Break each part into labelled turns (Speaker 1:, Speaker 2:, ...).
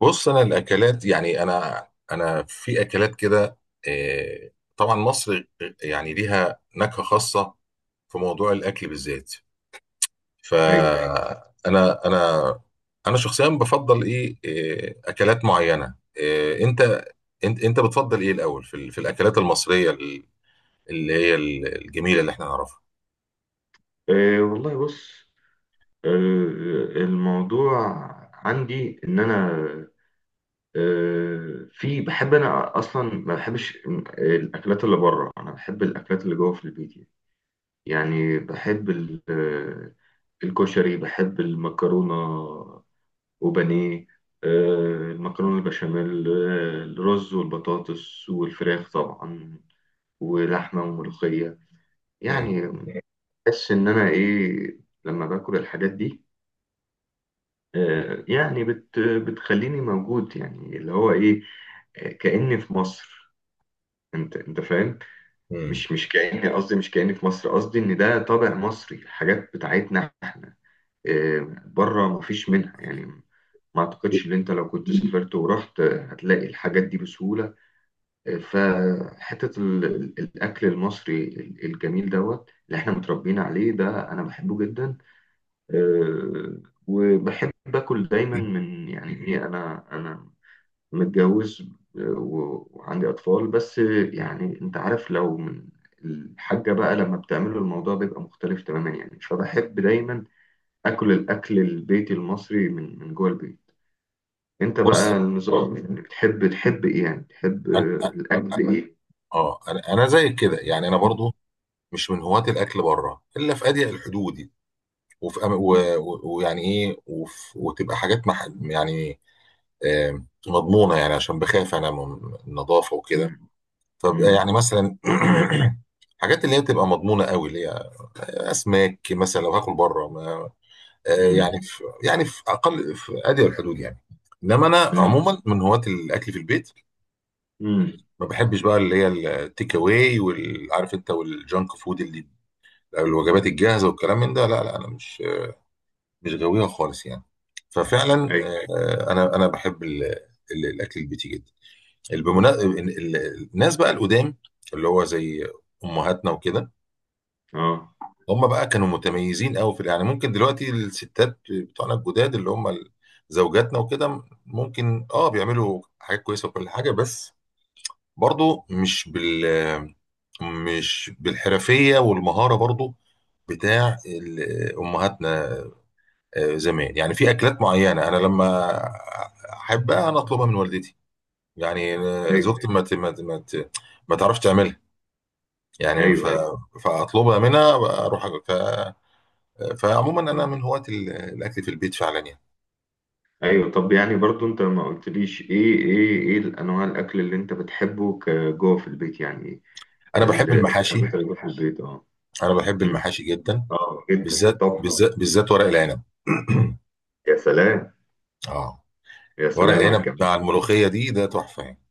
Speaker 1: بص، انا الاكلات يعني انا في اكلات كده، آه، طبعا مصر يعني ليها نكهه خاصه في موضوع الاكل بالذات.
Speaker 2: ايوه.
Speaker 1: فانا انا انا أنا شخصيا بفضل ايه اكلات معينه. آه، انت انت بتفضل ايه الاول في ال- في الاكلات المصريه اللي هي الجميله اللي احنا نعرفها.
Speaker 2: أه، والله بص. أه آه، الموضوع عندي ان انا، في بحب انا اصلا ما بحبش الاكلات اللي بره. انا بحب الاكلات اللي جوه في البيت يعني. يعني بحب الكشري، بحب المكرونه وبانيه. أه المكرونه البشاميل، الرز والبطاطس والفراخ طبعا، ولحمه وملوخيه
Speaker 1: مم.
Speaker 2: يعني. بحس ان انا ايه لما باكل الحاجات دي. يعني بتخليني موجود، يعني اللي هو ايه، كأني في مصر. انت فاهم.
Speaker 1: مم.
Speaker 2: مش كأني، قصدي مش كأني في مصر، قصدي ان ده طابع مصري، الحاجات بتاعتنا احنا. آه، بره مفيش منها يعني. ما اعتقدش ان انت لو كنت سافرت ورحت، هتلاقي الحاجات دي بسهولة. فحتة الاكل المصري الجميل دوت اللي احنا متربيين عليه ده انا بحبه جدا. آه، وبحب اكل دايما من، يعني ايه، انا متجوز، آه، وعندي اطفال. بس آه، يعني انت عارف، لو من الحاجة بقى لما بتعمله الموضوع بيبقى مختلف تماما يعني. فبحب دايما اكل الاكل البيتي المصري من جوه البيت. انت
Speaker 1: بص
Speaker 2: بقى النظام يعني بتحب، تحب ايه يعني؟ تحب
Speaker 1: انا
Speaker 2: الاكل ايه؟
Speaker 1: اه انا زيك كده يعني انا برضو مش من هواة الاكل بره الا في اضيق الحدود، وفي أم-
Speaker 2: مم،
Speaker 1: و- و- ويعني ايه وف- وتبقى حاجات مح يعني آه، مضمونه يعني عشان بخاف انا من النظافه وكده.
Speaker 2: مم،
Speaker 1: فبقى
Speaker 2: مم،
Speaker 1: يعني مثلا حاجات اللي هي بتبقى مضمونه قوي، اللي هي اسماك مثلا. لو هاكل بره ما
Speaker 2: مم،
Speaker 1: يعني في اقل، في ادي الحدود يعني. انما انا
Speaker 2: مم،
Speaker 1: عموما من هواة الاكل في البيت.
Speaker 2: مم.
Speaker 1: ما بحبش بقى اللي هي التيك اواي، والعارف انت، والجانك فود، اللي الوجبات الجاهزه والكلام من ده. لا لا انا مش غاوية خالص يعني. ففعلا
Speaker 2: ايوه.
Speaker 1: انا بحب الاكل البيتي جدا. بالمنا- ال- ال- الناس بقى القدام اللي هو زي امهاتنا وكده،
Speaker 2: اه.
Speaker 1: هم بقى كانوا متميزين قوي في يعني. ممكن دلوقتي الستات بتوعنا الجداد اللي هم زوجاتنا وكده، ممكن اه بيعملوا حاجات كويسه وكل حاجه، بس برضو مش بال، مش بالحرفيه والمهاره برضو بتاع امهاتنا زمان يعني. في اكلات معينه انا لما احبها انا اطلبها من والدتي، يعني
Speaker 2: ايوه.
Speaker 1: زوجتي ما تعرفش تعملها يعني. ف...
Speaker 2: ايوه.
Speaker 1: فاطلبها منها، اروح أكل. ف... فعموما انا
Speaker 2: ايوه.
Speaker 1: من هواة الاكل في البيت فعلا يعني.
Speaker 2: ايوه طب يعني برضو انت ما قلتليش ايه الانواع الاكل اللي انت بتحبه كجوه في البيت، يعني
Speaker 1: انا بحب المحاشي،
Speaker 2: الحاجات اللي جوه في البيت. اه. مم.
Speaker 1: جدا،
Speaker 2: اه جدا
Speaker 1: بالذات
Speaker 2: طبعا.
Speaker 1: بالذات ورق العنب.
Speaker 2: يا سلام.
Speaker 1: اه،
Speaker 2: يا
Speaker 1: ورق
Speaker 2: سلام على
Speaker 1: العنب
Speaker 2: الجمال.
Speaker 1: مع الملوخيه دي ده تحفه يعني.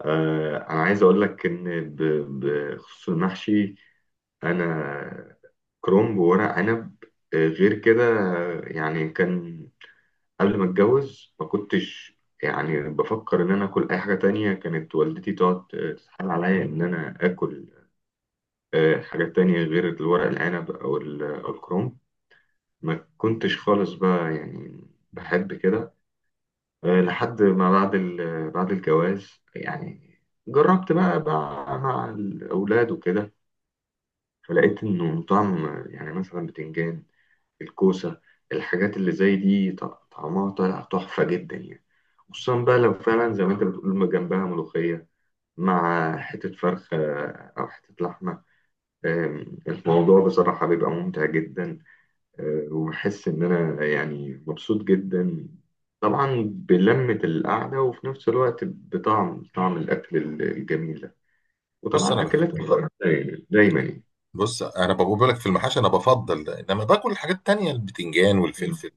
Speaker 2: آه انا عايز اقول لك ان بخصوص المحشي، انا كرنب وورق عنب، آه، غير كده. آه، يعني كان قبل ما اتجوز ما كنتش يعني بفكر ان انا اكل اي حاجه تانية. كانت والدتي تقعد تتحايل عليا ان انا اكل حاجات تانية غير الورق العنب أو أو الكروم. ما كنتش خالص بقى يعني بحب كده. آه، لحد ما بعد بعد الجواز يعني، جربت بقى مع الأولاد وكده، فلقيت إنه طعم. يعني مثلا بتنجان، الكوسة، الحاجات اللي زي دي طعمها طالع تحفة جدا يعني. خصوصا بقى لو فعلا زي ما أنت بتقول ما جنبها ملوخية، مع حتة فرخة أو حتة لحمة. الموضوع بصراحة بيبقى ممتع جدا. آه، وبحس إن أنا يعني مبسوط جدا، طبعا بلمة القعدة، وفي نفس الوقت بطعم طعم الأكل الجميل ده.
Speaker 1: بص انا
Speaker 2: وطبعا
Speaker 1: بحب
Speaker 2: أكلات كتير يعني، دايما يعني.
Speaker 1: بص، انا بقول لك في المحاشي انا بفضل، انما باكل الحاجات التانيه البتنجان
Speaker 2: م-
Speaker 1: والفلفل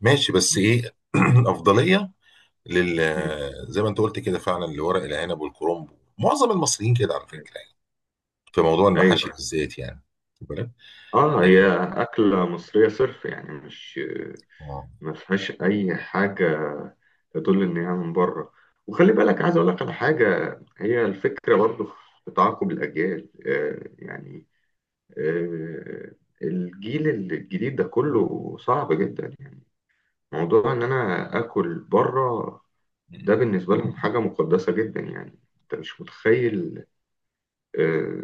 Speaker 1: ماشي، بس
Speaker 2: م-
Speaker 1: ايه افضليه لل، زي ما انت قلت كده فعلا، لورق العنب والكرنب. معظم المصريين كده على
Speaker 2: م-
Speaker 1: فكره يعني في موضوع المحاشي
Speaker 2: أيوه.
Speaker 1: بالذات يعني. واخد بالك؟
Speaker 2: آه هي
Speaker 1: إيه،
Speaker 2: أكلة مصرية صرف، يعني مش
Speaker 1: آه.
Speaker 2: ما فيهاش أي حاجة تدل إن هي من بره. وخلي بالك، عايز أقول لك على حاجة، هي الفكرة برضه في تعاقب الأجيال. آه، يعني آه، الجيل الجديد ده كله صعب جدا يعني. موضوع ان انا اكل بره ده بالنسبه لهم حاجه مقدسه جدا، يعني انت مش متخيل. آه،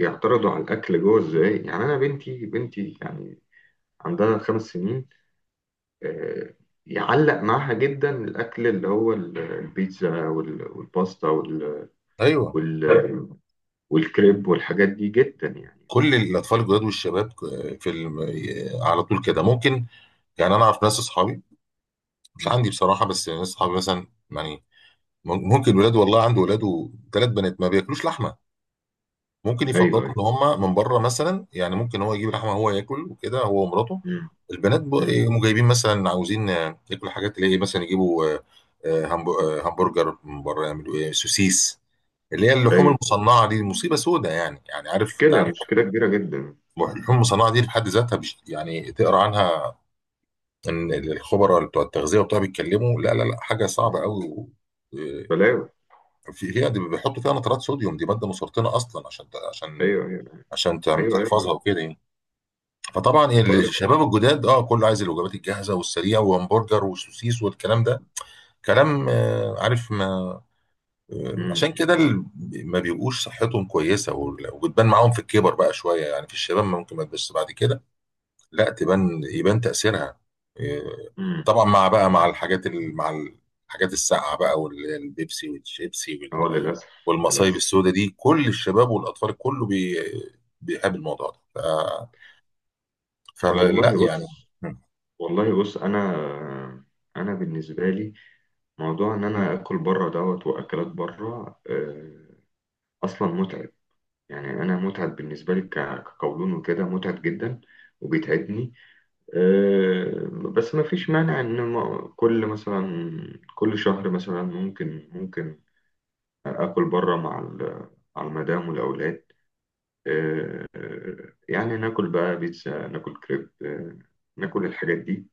Speaker 2: يعترضوا على الاكل جوه ازاي. يعني انا بنتي يعني عندها 5 سنين، آه، يعلق معاها جدا الاكل اللي هو البيتزا والباستا
Speaker 1: ايوه،
Speaker 2: وال- والكريب والحاجات دي جدا يعني.
Speaker 1: كل الاطفال الجداد والشباب في الم... على طول كده ممكن يعني. انا اعرف ناس، اصحابي، مش عندي بصراحه بس ناس اصحابي مثلا يعني. ممكن ولاد، والله عنده ولاده ثلاث بنات ما بياكلوش لحمه. ممكن
Speaker 2: ايوه.
Speaker 1: يفضلوا
Speaker 2: ايوه.
Speaker 1: ان هم من بره مثلا يعني. ممكن هو يجيب لحمه هو ياكل وكده، هو ومراته.
Speaker 2: مم،
Speaker 1: البنات
Speaker 2: مم.
Speaker 1: يقوموا جايبين مثلا عاوزين ياكلوا حاجات اللي هي مثلا يجيبوا
Speaker 2: مم.
Speaker 1: همبرجر من بره، يعملوا ايه سوسيس، اللي هي اللحوم
Speaker 2: ايوه.
Speaker 1: المصنعه دي مصيبه سودة يعني. يعني عارف، انت
Speaker 2: مشكلة
Speaker 1: عارف
Speaker 2: مشكلة كبيرة جدا.
Speaker 1: اللحوم المصنعه دي في حد ذاتها، يعني تقرا عنها ان الخبراء بتوع التغذيه وبتوع بيتكلموا، لا لا لا حاجه صعبه
Speaker 2: مم.
Speaker 1: قوي و...
Speaker 2: بلاوي.
Speaker 1: آه، في هي دي بيحطوا فيها نترات صوديوم، دي ماده مسرطنه اصلا، عشان عشان
Speaker 2: أيوه أيوه.
Speaker 1: عشان تعم-
Speaker 2: أيوه أيوه.
Speaker 1: تحفظها وكده يعني. فطبعا
Speaker 2: بقول لك.
Speaker 1: الشباب الجداد اه كله عايز الوجبات الجاهزه والسريعه، وهمبرجر وسوسيس والكلام ده كلام آه، عارف. ما آه،
Speaker 2: امم.
Speaker 1: عشان كده ما بيبقوش صحتهم كويسه، وال، وبتبان معاهم في الكبر بقى شويه يعني. في الشباب ممكن ما تبانش، بعد كده لا تبان، يبان تاثيرها آه.
Speaker 2: امم.
Speaker 1: طبعا مع بقى، مع الحاجات ال، مع الحاجات الساقعه بقى، واللي هي البيبسي والشيبسي وال،
Speaker 2: أه للأسف.
Speaker 1: والمصايب
Speaker 2: للأسف.
Speaker 1: السوداء دي، كل الشباب والاطفال كله بيقابل الموضوع ده، ف، فلا لا
Speaker 2: والله
Speaker 1: يعني.
Speaker 2: بص، والله بص أنا، أنا بالنسبة لي موضوع إن أنا آكل بره دوت، وأكلات بره آه، أصلا متعب. يعني أنا متعب بالنسبة لي، كقولون وكده متعب جدا، وبيتعبني. آه، بس ما فيش مانع إن كل مثلا كل شهر مثلا، ممكن يعني اكل بره مع مع المدام والاولاد. يعني ناكل بقى بيتزا، ناكل كريب، آه، ناكل الحاجات دي.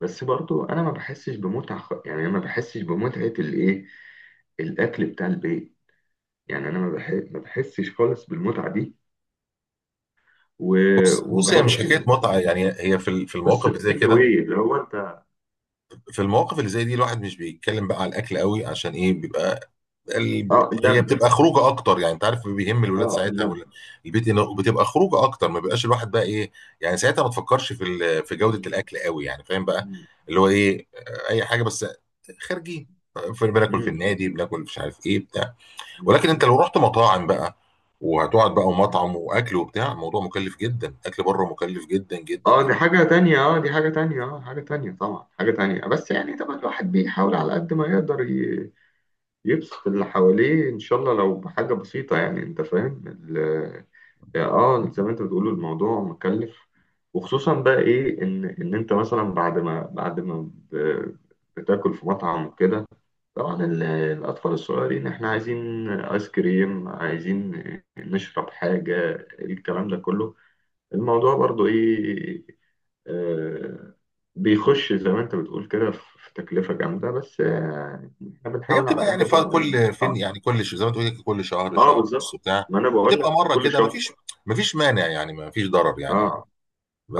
Speaker 2: بس برضو انا ما بحسش بمتعه يعني أنا ما بحسش بمتعه الايه، الاكل بتاع البيت. يعني انا ما بحسش خالص بالمتعه دي.
Speaker 1: بص بص، هي مش
Speaker 2: وبحس
Speaker 1: حكايه متعه يعني، هي في ال، في
Speaker 2: بس
Speaker 1: المواقف اللي زي
Speaker 2: التيك
Speaker 1: كده،
Speaker 2: اواي اللي هو انت.
Speaker 1: في المواقف اللي زي دي الواحد مش بيتكلم بقى على الاكل قوي، عشان ايه بيبقى ال...
Speaker 2: اه
Speaker 1: هي
Speaker 2: اللمه.
Speaker 1: بتبقى خروجه اكتر يعني. انت عارف بيهم الولاد
Speaker 2: اه
Speaker 1: ساعتها
Speaker 2: اللمه.
Speaker 1: ولا البيت، انه بتبقى خروجه اكتر، ما بيبقاش الواحد بقى ايه يعني. ساعتها ما تفكرش في ال... في جوده
Speaker 2: مم.
Speaker 1: الاكل قوي يعني، فاهم بقى.
Speaker 2: مم.
Speaker 1: اللي هو ايه، اي حاجه بس خارجي، في بناكل في
Speaker 2: مم.
Speaker 1: النادي بناكل، مش عارف ايه بتاع. ولكن انت
Speaker 2: مم.
Speaker 1: لو رحت مطاعم بقى، وهتقعد بقى
Speaker 2: مم.
Speaker 1: ومطعم واكل وبتاع، الموضوع مكلف جدا، اكل بره مكلف جدا جدا
Speaker 2: اه
Speaker 1: جدا.
Speaker 2: دي حاجة تانية. اه دي حاجة تانية. اه حاجة تانية طبعا، حاجة تانية. بس يعني طبعا الواحد بيحاول على قد ما يقدر يبسط اللي حواليه ان شاء الله لو بحاجة بسيطة، يعني انت فاهم اه زي ما انت بتقول الموضوع مكلف. وخصوصا بقى ايه، ان انت مثلا بعد ما بتاكل في مطعم وكده، طبعا الاطفال الصغيرين احنا عايزين ايس كريم، عايزين نشرب حاجة، الكلام ده كله. الموضوع برضو ايه، آه، بيخش زي ما انت بتقول كده، في تكلفة جامدة. بس آه، احنا
Speaker 1: هي
Speaker 2: بنحاول على
Speaker 1: بتبقى
Speaker 2: قد
Speaker 1: يعني،
Speaker 2: ما.
Speaker 1: كل فين
Speaker 2: اه.
Speaker 1: يعني، كل زي ما تقولي كل شهر،
Speaker 2: آه،
Speaker 1: شهر ونص
Speaker 2: بالظبط.
Speaker 1: بتاع،
Speaker 2: ما انا بقول
Speaker 1: بتبقى
Speaker 2: لك
Speaker 1: مره
Speaker 2: كل
Speaker 1: كده،
Speaker 2: شهر.
Speaker 1: مفيش، مفيش مانع يعني، مفيش ضرر
Speaker 2: اه.
Speaker 1: يعني.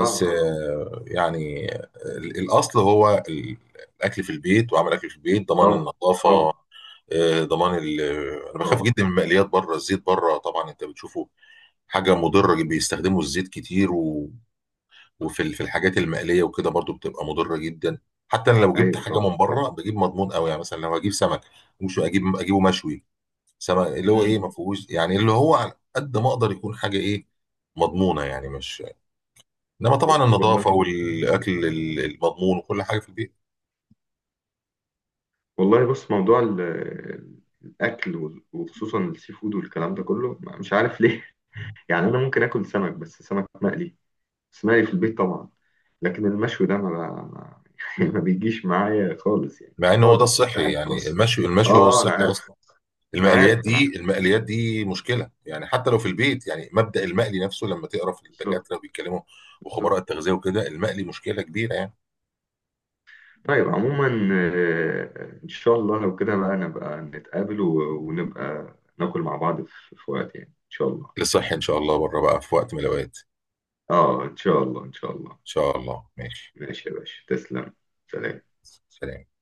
Speaker 2: اه. اه.
Speaker 1: يعني الاصل هو الاكل في البيت، وعمل اكل في البيت ضمان
Speaker 2: طبعا
Speaker 1: النظافه.
Speaker 2: طبعا.
Speaker 1: آه، ضمان ال- آه، انا بخاف
Speaker 2: طبعا.
Speaker 1: جدا من المقليات بره. الزيت بره طبعا انت بتشوفه حاجه مضره، بيستخدموا الزيت كتير و... وفي ال، في الحاجات المقليه وكده برضو بتبقى مضره جدا. حتى انا لو جبت
Speaker 2: ايوه.
Speaker 1: حاجه من
Speaker 2: طبعا.
Speaker 1: بره
Speaker 2: طبعا.
Speaker 1: بجيب مضمون قوي يعني. مثلا لو هجيب سمك، مش اجيب، اجيبه مشوي، سما اللي هو ايه
Speaker 2: مم.
Speaker 1: ما فيهوش يعني، اللي هو على قد ما اقدر يكون حاجه ايه مضمونه يعني، مش، انما طبعا
Speaker 2: والله.
Speaker 1: النظافه والاكل المضمون وكل حاجه في البيت.
Speaker 2: والله بص موضوع الاكل وخصوصا السي فود والكلام ده كله، مش عارف ليه. يعني انا ممكن اكل سمك، بس سمك مقلي. اسمعي في البيت طبعا. لكن المشوي ده ما، ما يعني ما بيجيش معايا خالص يعني.
Speaker 1: مع ان هو ده
Speaker 2: خالص، مش
Speaker 1: الصحي
Speaker 2: عارف
Speaker 1: يعني،
Speaker 2: خالص.
Speaker 1: المشي هو
Speaker 2: اه انا
Speaker 1: الصحي
Speaker 2: عارف.
Speaker 1: اصلا.
Speaker 2: انا عارف. انا عارف.
Speaker 1: المقليات دي مشكله يعني حتى لو في البيت يعني. مبدأ المقلي نفسه لما تقرا في
Speaker 2: بالظبط.
Speaker 1: الدكاتره بيتكلموا وخبراء
Speaker 2: بالظبط.
Speaker 1: التغذيه وكده، المقلي مشكله كبيره يعني.
Speaker 2: طيب عموما، آه، ان شاء الله لو كده بقى نبقى نتقابل، ونبقى ناكل مع بعض في وقت، يعني ان شاء الله.
Speaker 1: للصحي ان شاء الله، بره بقى في وقت من الاوقات ان
Speaker 2: اه ان شاء الله، ان شاء الله.
Speaker 1: شاء الله ماشي.
Speaker 2: ماشي يا باشا، تسلم. سلام.
Speaker 1: سلام.